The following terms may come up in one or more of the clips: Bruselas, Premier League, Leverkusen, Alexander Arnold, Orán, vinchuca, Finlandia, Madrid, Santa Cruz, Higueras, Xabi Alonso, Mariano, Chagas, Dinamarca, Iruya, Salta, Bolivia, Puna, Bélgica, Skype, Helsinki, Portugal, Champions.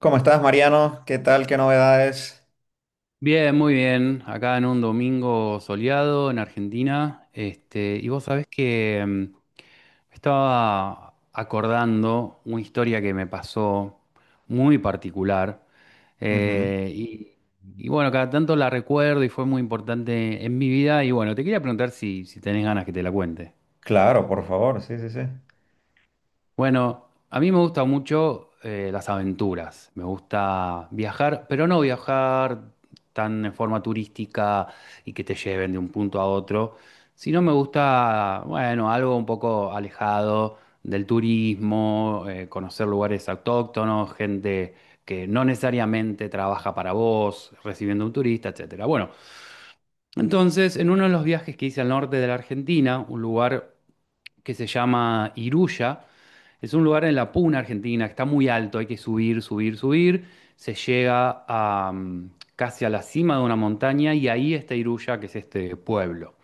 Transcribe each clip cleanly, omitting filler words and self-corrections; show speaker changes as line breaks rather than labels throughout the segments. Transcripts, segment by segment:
¿Cómo estás, Mariano? ¿Qué tal? ¿Qué novedades?
Bien, muy bien. Acá en un domingo soleado en Argentina. Y vos sabés que estaba acordando una historia que me pasó muy particular.
Ujú.
Eh, y, y bueno, cada tanto la recuerdo y fue muy importante en mi vida. Y bueno, te quería preguntar si tenés ganas que te la cuente.
Claro, por favor, sí, sí, sí.
Bueno, a mí me gustan mucho las aventuras, me gusta viajar, pero no viajar tan en forma turística y que te lleven de un punto a otro, sino me gusta, bueno, algo un poco alejado del turismo, conocer lugares autóctonos, gente que no necesariamente trabaja para vos, recibiendo un turista, etcétera. Bueno, entonces, en uno de los viajes que hice al norte de la Argentina, un lugar que se llama Iruya. Es un lugar en la Puna, Argentina, que está muy alto, hay que subir, subir, subir. Se llega a casi a la cima de una montaña y ahí está Iruya, que es este pueblo.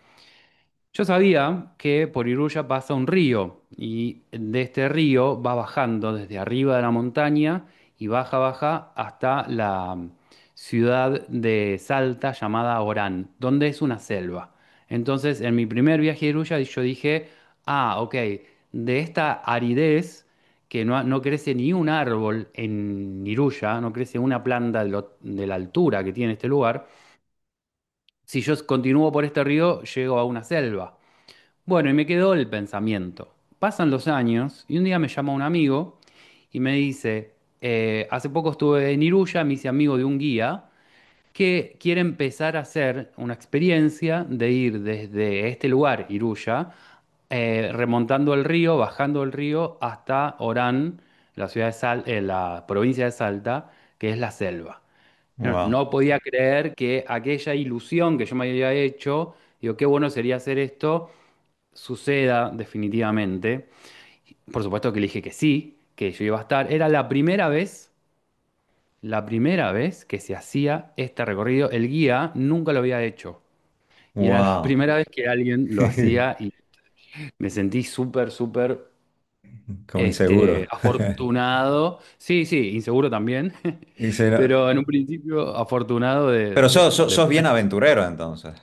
Yo sabía que por Iruya pasa un río y de este río va bajando desde arriba de la montaña y baja, baja hasta la ciudad de Salta llamada Orán, donde es una selva. Entonces, en mi primer viaje a Iruya yo dije, ah, ok, de esta aridez que no crece ni un árbol en Iruya, no crece una planta de, de la altura que tiene este lugar, si yo continúo por este río, llego a una selva. Bueno, y me quedó el pensamiento. Pasan los años y un día me llama un amigo y me dice, hace poco estuve en Iruya, me hice amigo de un guía que quiere empezar a hacer una experiencia de ir desde este lugar, Iruya, remontando el río, bajando el río hasta Orán, la ciudad de la provincia de Salta, que es la selva. No,
Wow,
no podía creer que aquella ilusión que yo me había hecho, digo, qué bueno sería hacer esto suceda definitivamente. Por supuesto que le dije que sí, que yo iba a estar. Era la primera vez que se hacía este recorrido. El guía nunca lo había hecho. Y era la
wow.
primera vez que alguien lo hacía y me sentí súper, súper
Como inseguro.
afortunado. Sí, sí, inseguro también,
Y sí, no-
pero en un principio afortunado de...
Pero sos, sos, sos bien
poder.
aventurero entonces.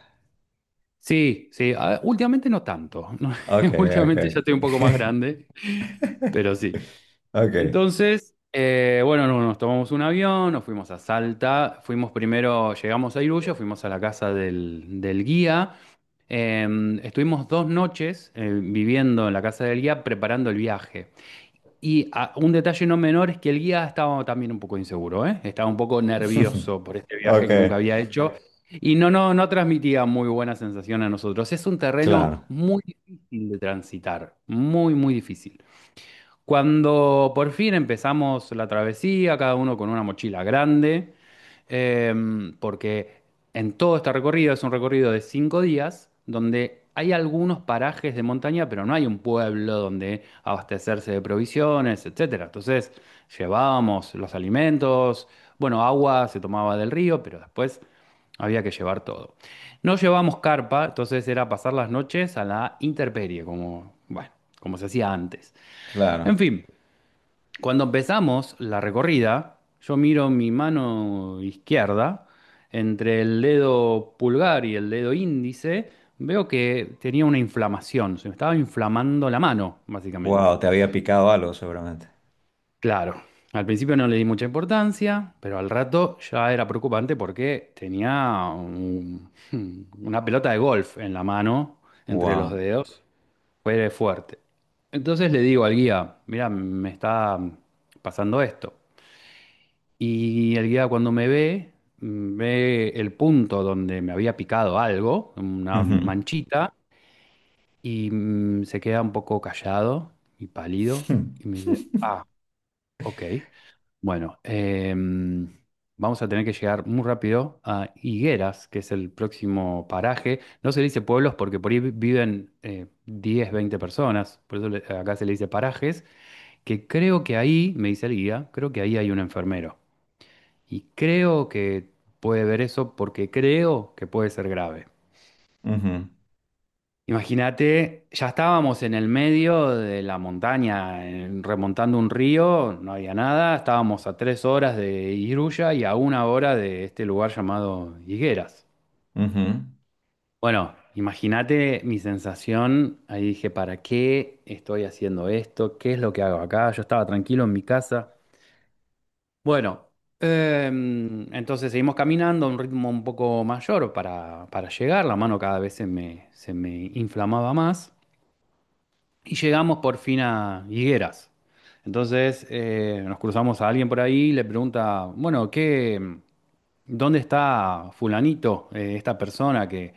Sí, sí, últimamente no tanto.
Ok, ok.
Últimamente ya estoy un poco más grande, pero sí.
Ok.
Entonces, bueno, nos tomamos un avión, nos fuimos a Salta, fuimos primero, llegamos a Iruyo, fuimos a la casa del guía, eh, estuvimos 2 noches viviendo en la casa del guía preparando el viaje. Y ah, un detalle no menor es que el guía estaba también un poco inseguro, ¿eh? Estaba un poco nervioso por este viaje que nunca
Ok.
había hecho y no transmitía muy buena sensación a nosotros. Es un
Claro,
terreno muy difícil de transitar, muy, muy difícil. Cuando por fin empezamos la travesía, cada uno con una mochila grande, porque en todo este recorrido es un recorrido de 5 días, donde hay algunos parajes de montaña, pero no hay un pueblo donde abastecerse de provisiones, etcétera. Entonces llevábamos los alimentos, bueno, agua se tomaba del río, pero después había que llevar todo. No llevamos carpa, entonces era pasar las noches a la intemperie, como, bueno, como se hacía antes.
claro.
En fin, cuando empezamos la recorrida, yo miro mi mano izquierda, entre el dedo pulgar y el dedo índice, veo que tenía una inflamación, se me estaba inflamando la mano, básicamente.
Wow, te había picado algo seguramente.
Claro, al principio no le di mucha importancia, pero al rato ya era preocupante porque tenía una pelota de golf en la mano, entre los
Wow.
dedos, fue fuerte. Entonces le digo al guía, mira, me está pasando esto. Y el guía cuando me ve, ve el punto donde me había picado algo, una
Ujú.
manchita, y se queda un poco callado y pálido y me dice, ah, ok, bueno, vamos a tener que llegar muy rápido a Higueras, que es el próximo paraje. No se le dice pueblos porque por ahí viven 10, 20 personas, por eso acá se le dice parajes, que creo que ahí, me dice el guía, creo que ahí hay un enfermero. Y creo que puede ver eso porque creo que puede ser grave.
Ujú,
Imagínate, ya estábamos en el medio de la montaña, remontando un río, no había nada, estábamos a 3 horas de Iruya y a 1 hora de este lugar llamado Higueras.
ujú.
Bueno, imagínate mi sensación, ahí dije, ¿para qué estoy haciendo esto? ¿Qué es lo que hago acá? Yo estaba tranquilo en mi casa. Bueno, entonces seguimos caminando a un ritmo un poco mayor para llegar. La mano cada vez se me inflamaba más. Y llegamos por fin a Higueras. Entonces nos cruzamos a alguien por ahí y le pregunta, bueno, ¿qué, dónde está fulanito, esta persona que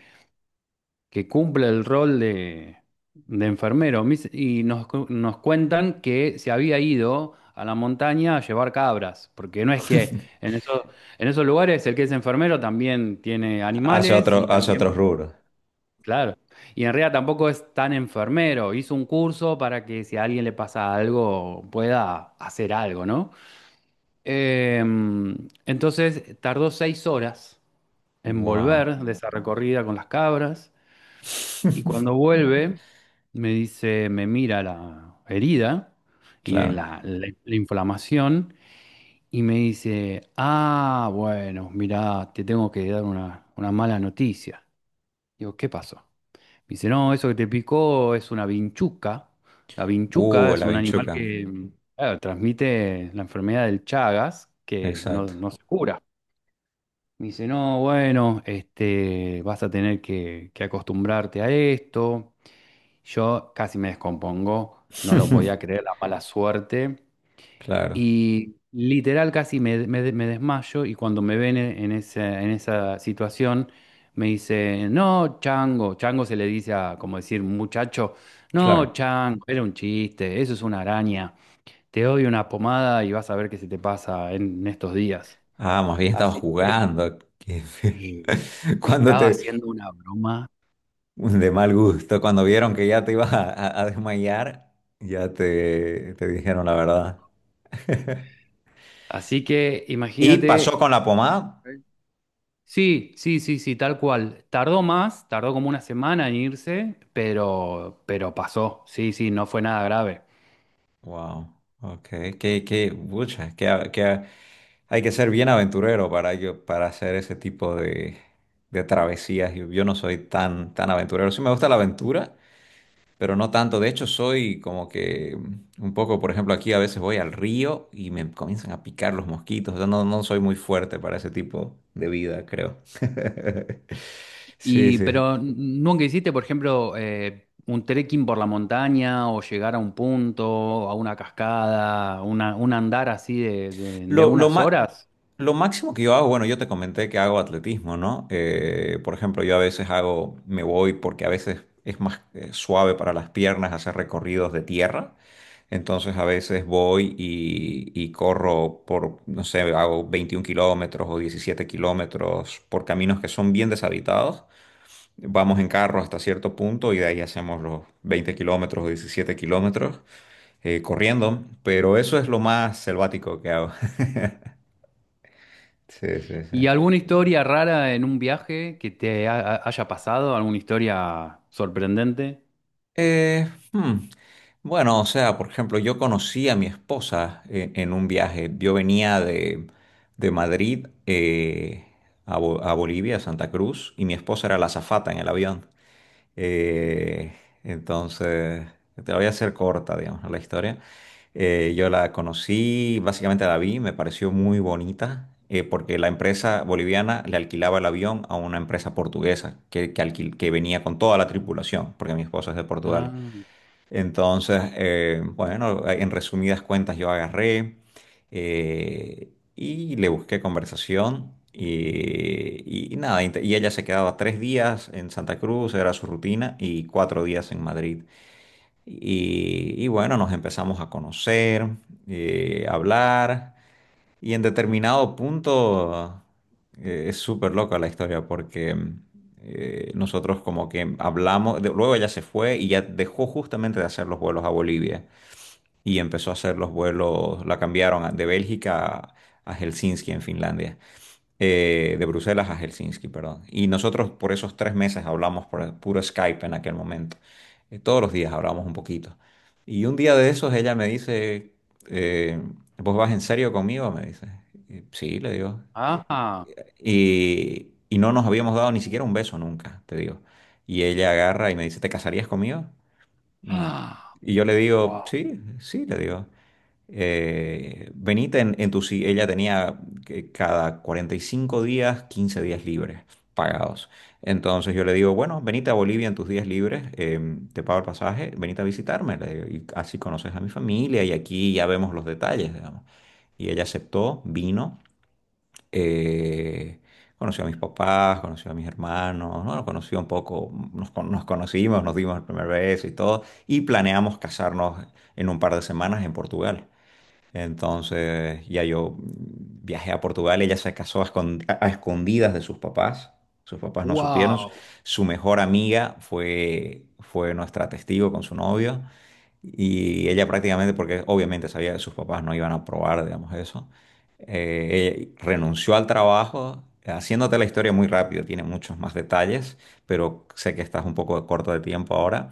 cumple el rol de enfermero. Y nos, nos cuentan que se había ido a la montaña a llevar cabras, porque no es que en esos, en esos lugares el que es enfermero también tiene animales y
Hace
también,
otros rubros.
claro, y en realidad tampoco es tan enfermero. Hizo un curso para que si a alguien le pasa algo pueda hacer algo, ¿no? Em, entonces tardó 6 horas en
Wow.
volver de esa recorrida con las cabras y cuando vuelve... Me dice, me mira la herida y
Claro.
la inflamación y me dice, ah, bueno, mira, te tengo que dar una mala noticia. Digo, ¿qué pasó? Me dice, no, eso que te picó es una vinchuca. La vinchuca
Uh,
es
la
un animal
vinchuca,
que claro, transmite la enfermedad del Chagas, que
exacto.
no se cura. Me dice, no, bueno, este, vas a tener que acostumbrarte a esto. Yo casi me descompongo, no lo podía creer, la mala suerte.
Claro,
Y literal casi me desmayo y cuando me ven en esa situación me dice, no, chango, chango se le dice a, como decir, muchacho, no,
claro.
chango, era un chiste, eso es una araña, te doy una pomada y vas a ver qué se te pasa en estos días.
Ah, más bien estaba
Así que
jugando. Qué feo.
eh, me
Cuando
estaba
te,
haciendo una broma.
de mal gusto, cuando vieron que ya te ibas a desmayar, ya te dijeron la verdad.
Así que
¿Y pasó
imagínate.
con la pomada?
Sí, sí, sí, sí, tal cual. Tardó más, tardó como una semana en irse, pero pasó. Sí, sí, no fue nada grave.
Wow, ok. Qué, pucha, que hay que ser bien aventurero yo para hacer ese tipo de travesías. Yo no soy tan, tan aventurero. Sí me gusta la aventura, pero no tanto. De hecho, soy como que un poco, por ejemplo, aquí a veces voy al río y me comienzan a picar los mosquitos. Yo no soy muy fuerte para ese tipo de vida, creo. Sí,
Y,
sí.
pero nunca hiciste, por ejemplo, un trekking por la montaña o llegar a un punto, a una cascada, una, un andar así de
Lo, lo,
unas
ma-
horas.
lo máximo que yo hago, bueno, yo te comenté que hago atletismo, ¿no? Por ejemplo, yo a veces hago, me voy porque a veces es más suave para las piernas hacer recorridos de tierra. Entonces a veces voy y corro por, no sé, hago 21 kilómetros o 17 kilómetros por caminos que son bien deshabitados. Vamos en carro hasta cierto punto y de ahí hacemos los 20 kilómetros o 17 kilómetros corriendo. Pero eso es lo más selvático que hago. Sí, sí, sí.
¿Y alguna historia rara en un viaje que te haya pasado? ¿Alguna historia sorprendente?
Eh, hmm, Bueno, o sea, por ejemplo, yo conocí a mi esposa en un viaje. Yo venía de Madrid, a Bolivia, a Santa Cruz, y mi esposa era la azafata en el avión. Eh, entonces, te la voy a hacer corta, digamos, la historia. Yo la conocí, básicamente la vi, me pareció muy bonita, porque la empresa boliviana le alquilaba el avión a una empresa portuguesa que venía con toda la tripulación, porque mi esposa es de Portugal.
Ah,
Entonces, bueno, en resumidas cuentas yo agarré, y le busqué conversación y nada, y ella se quedaba 3 días en Santa Cruz, era su rutina, y 4 días en Madrid. Y bueno, nos empezamos a conocer, a hablar. Y en determinado punto, es súper loca la historia porque, nosotros como que hablamos, luego ella se fue y ya dejó justamente de hacer los vuelos a Bolivia y empezó a hacer los vuelos, la cambiaron, de Bélgica a Helsinki en Finlandia, de Bruselas a Helsinki, perdón. Y nosotros por esos 3 meses hablamos por puro Skype en aquel momento. Todos los días hablamos un poquito. Y un día de esos ella me dice, eh, ¿vos vas en serio conmigo? Me dice. Y sí, le digo.
ajá.
Y no nos habíamos dado ni siquiera un beso nunca, te digo. Y ella agarra y me dice, ¿te casarías conmigo? Mm.
Ah,
Y yo le digo,
wow,
sí, sí, le digo. Venite en tu si- Ella tenía que cada 45 días, 15 días libres pagados. Entonces yo le digo, bueno, venite a Bolivia en tus días libres, te pago el pasaje, venite a visitarme, le digo, y así conoces a mi familia y aquí ya vemos los detalles, digamos. Y ella aceptó, vino. Eh, Conoció a mis papás, conoció a mis hermanos, ¿no? Nos conoció un poco, nos conocimos, nos dimos el primer beso y todo, y planeamos casarnos en un par de semanas en Portugal. Entonces ya yo viajé a Portugal, ella se casó a escondidas de sus papás no supieron,
wow,
su mejor amiga fue nuestra testigo con su novio y ella prácticamente, porque obviamente sabía que sus papás no iban a aprobar, digamos eso, ella renunció al trabajo, haciéndote la historia muy rápido, tiene muchos más detalles, pero sé que estás un poco corto de tiempo ahora.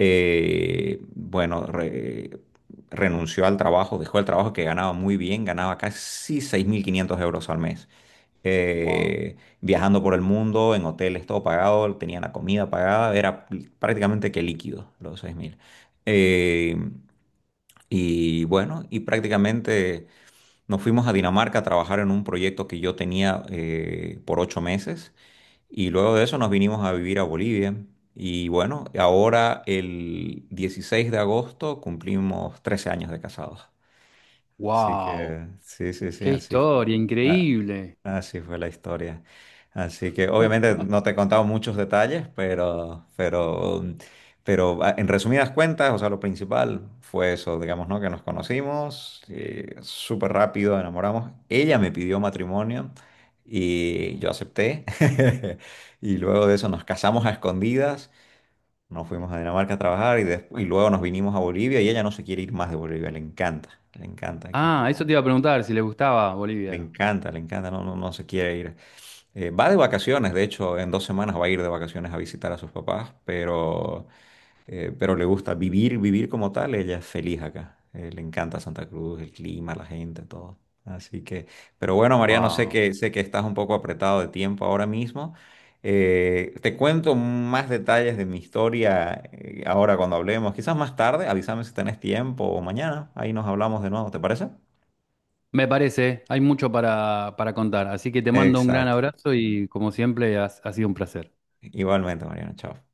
Bueno, renunció al trabajo, dejó el trabajo que ganaba muy bien, ganaba casi 6.500 euros al mes.
wow.
Viajando por el mundo, en hoteles todo pagado, tenía la comida pagada, era prácticamente que líquido los 6.000. Eh, y bueno, y prácticamente nos fuimos a Dinamarca a trabajar en un proyecto que yo tenía, por 8 meses, y luego de eso nos vinimos a vivir a Bolivia. Y bueno, ahora el 16 de agosto cumplimos 13 años de casados. Así
Wow,
que sí, sí, sí,
qué
así fue.
historia,
a-
increíble.
Así fue la historia. Así que obviamente no te he contado muchos detalles, pero en resumidas cuentas, o sea, lo principal fue eso, digamos, ¿no? Que nos conocimos, súper rápido enamoramos. Ella me pidió matrimonio y yo acepté. Y luego de eso nos casamos a escondidas, nos fuimos a Dinamarca a trabajar y luego nos vinimos a Bolivia y ella no se quiere ir más de Bolivia, le encanta aquí.
Ah, eso te iba a preguntar si le gustaba Bolivia.
Le encanta, no, no, no se quiere ir. Va de vacaciones, de hecho, en 2 semanas va a ir de vacaciones a visitar a sus papás, pero le gusta vivir, vivir como tal, ella es feliz acá. Le encanta Santa Cruz, el clima, la gente, todo. Así que, pero bueno, Mariano, sé
Wow.
que, sé que estás un poco apretado de tiempo ahora mismo. Te cuento más detalles de mi historia, ahora cuando hablemos, quizás más tarde, avísame si tenés tiempo o mañana, ahí nos hablamos de nuevo, ¿te parece?
Me parece, hay mucho para contar. Así que te mando un gran
Exacto.
abrazo y como siempre ha sido un placer.
Igualmente, Mariano, chao.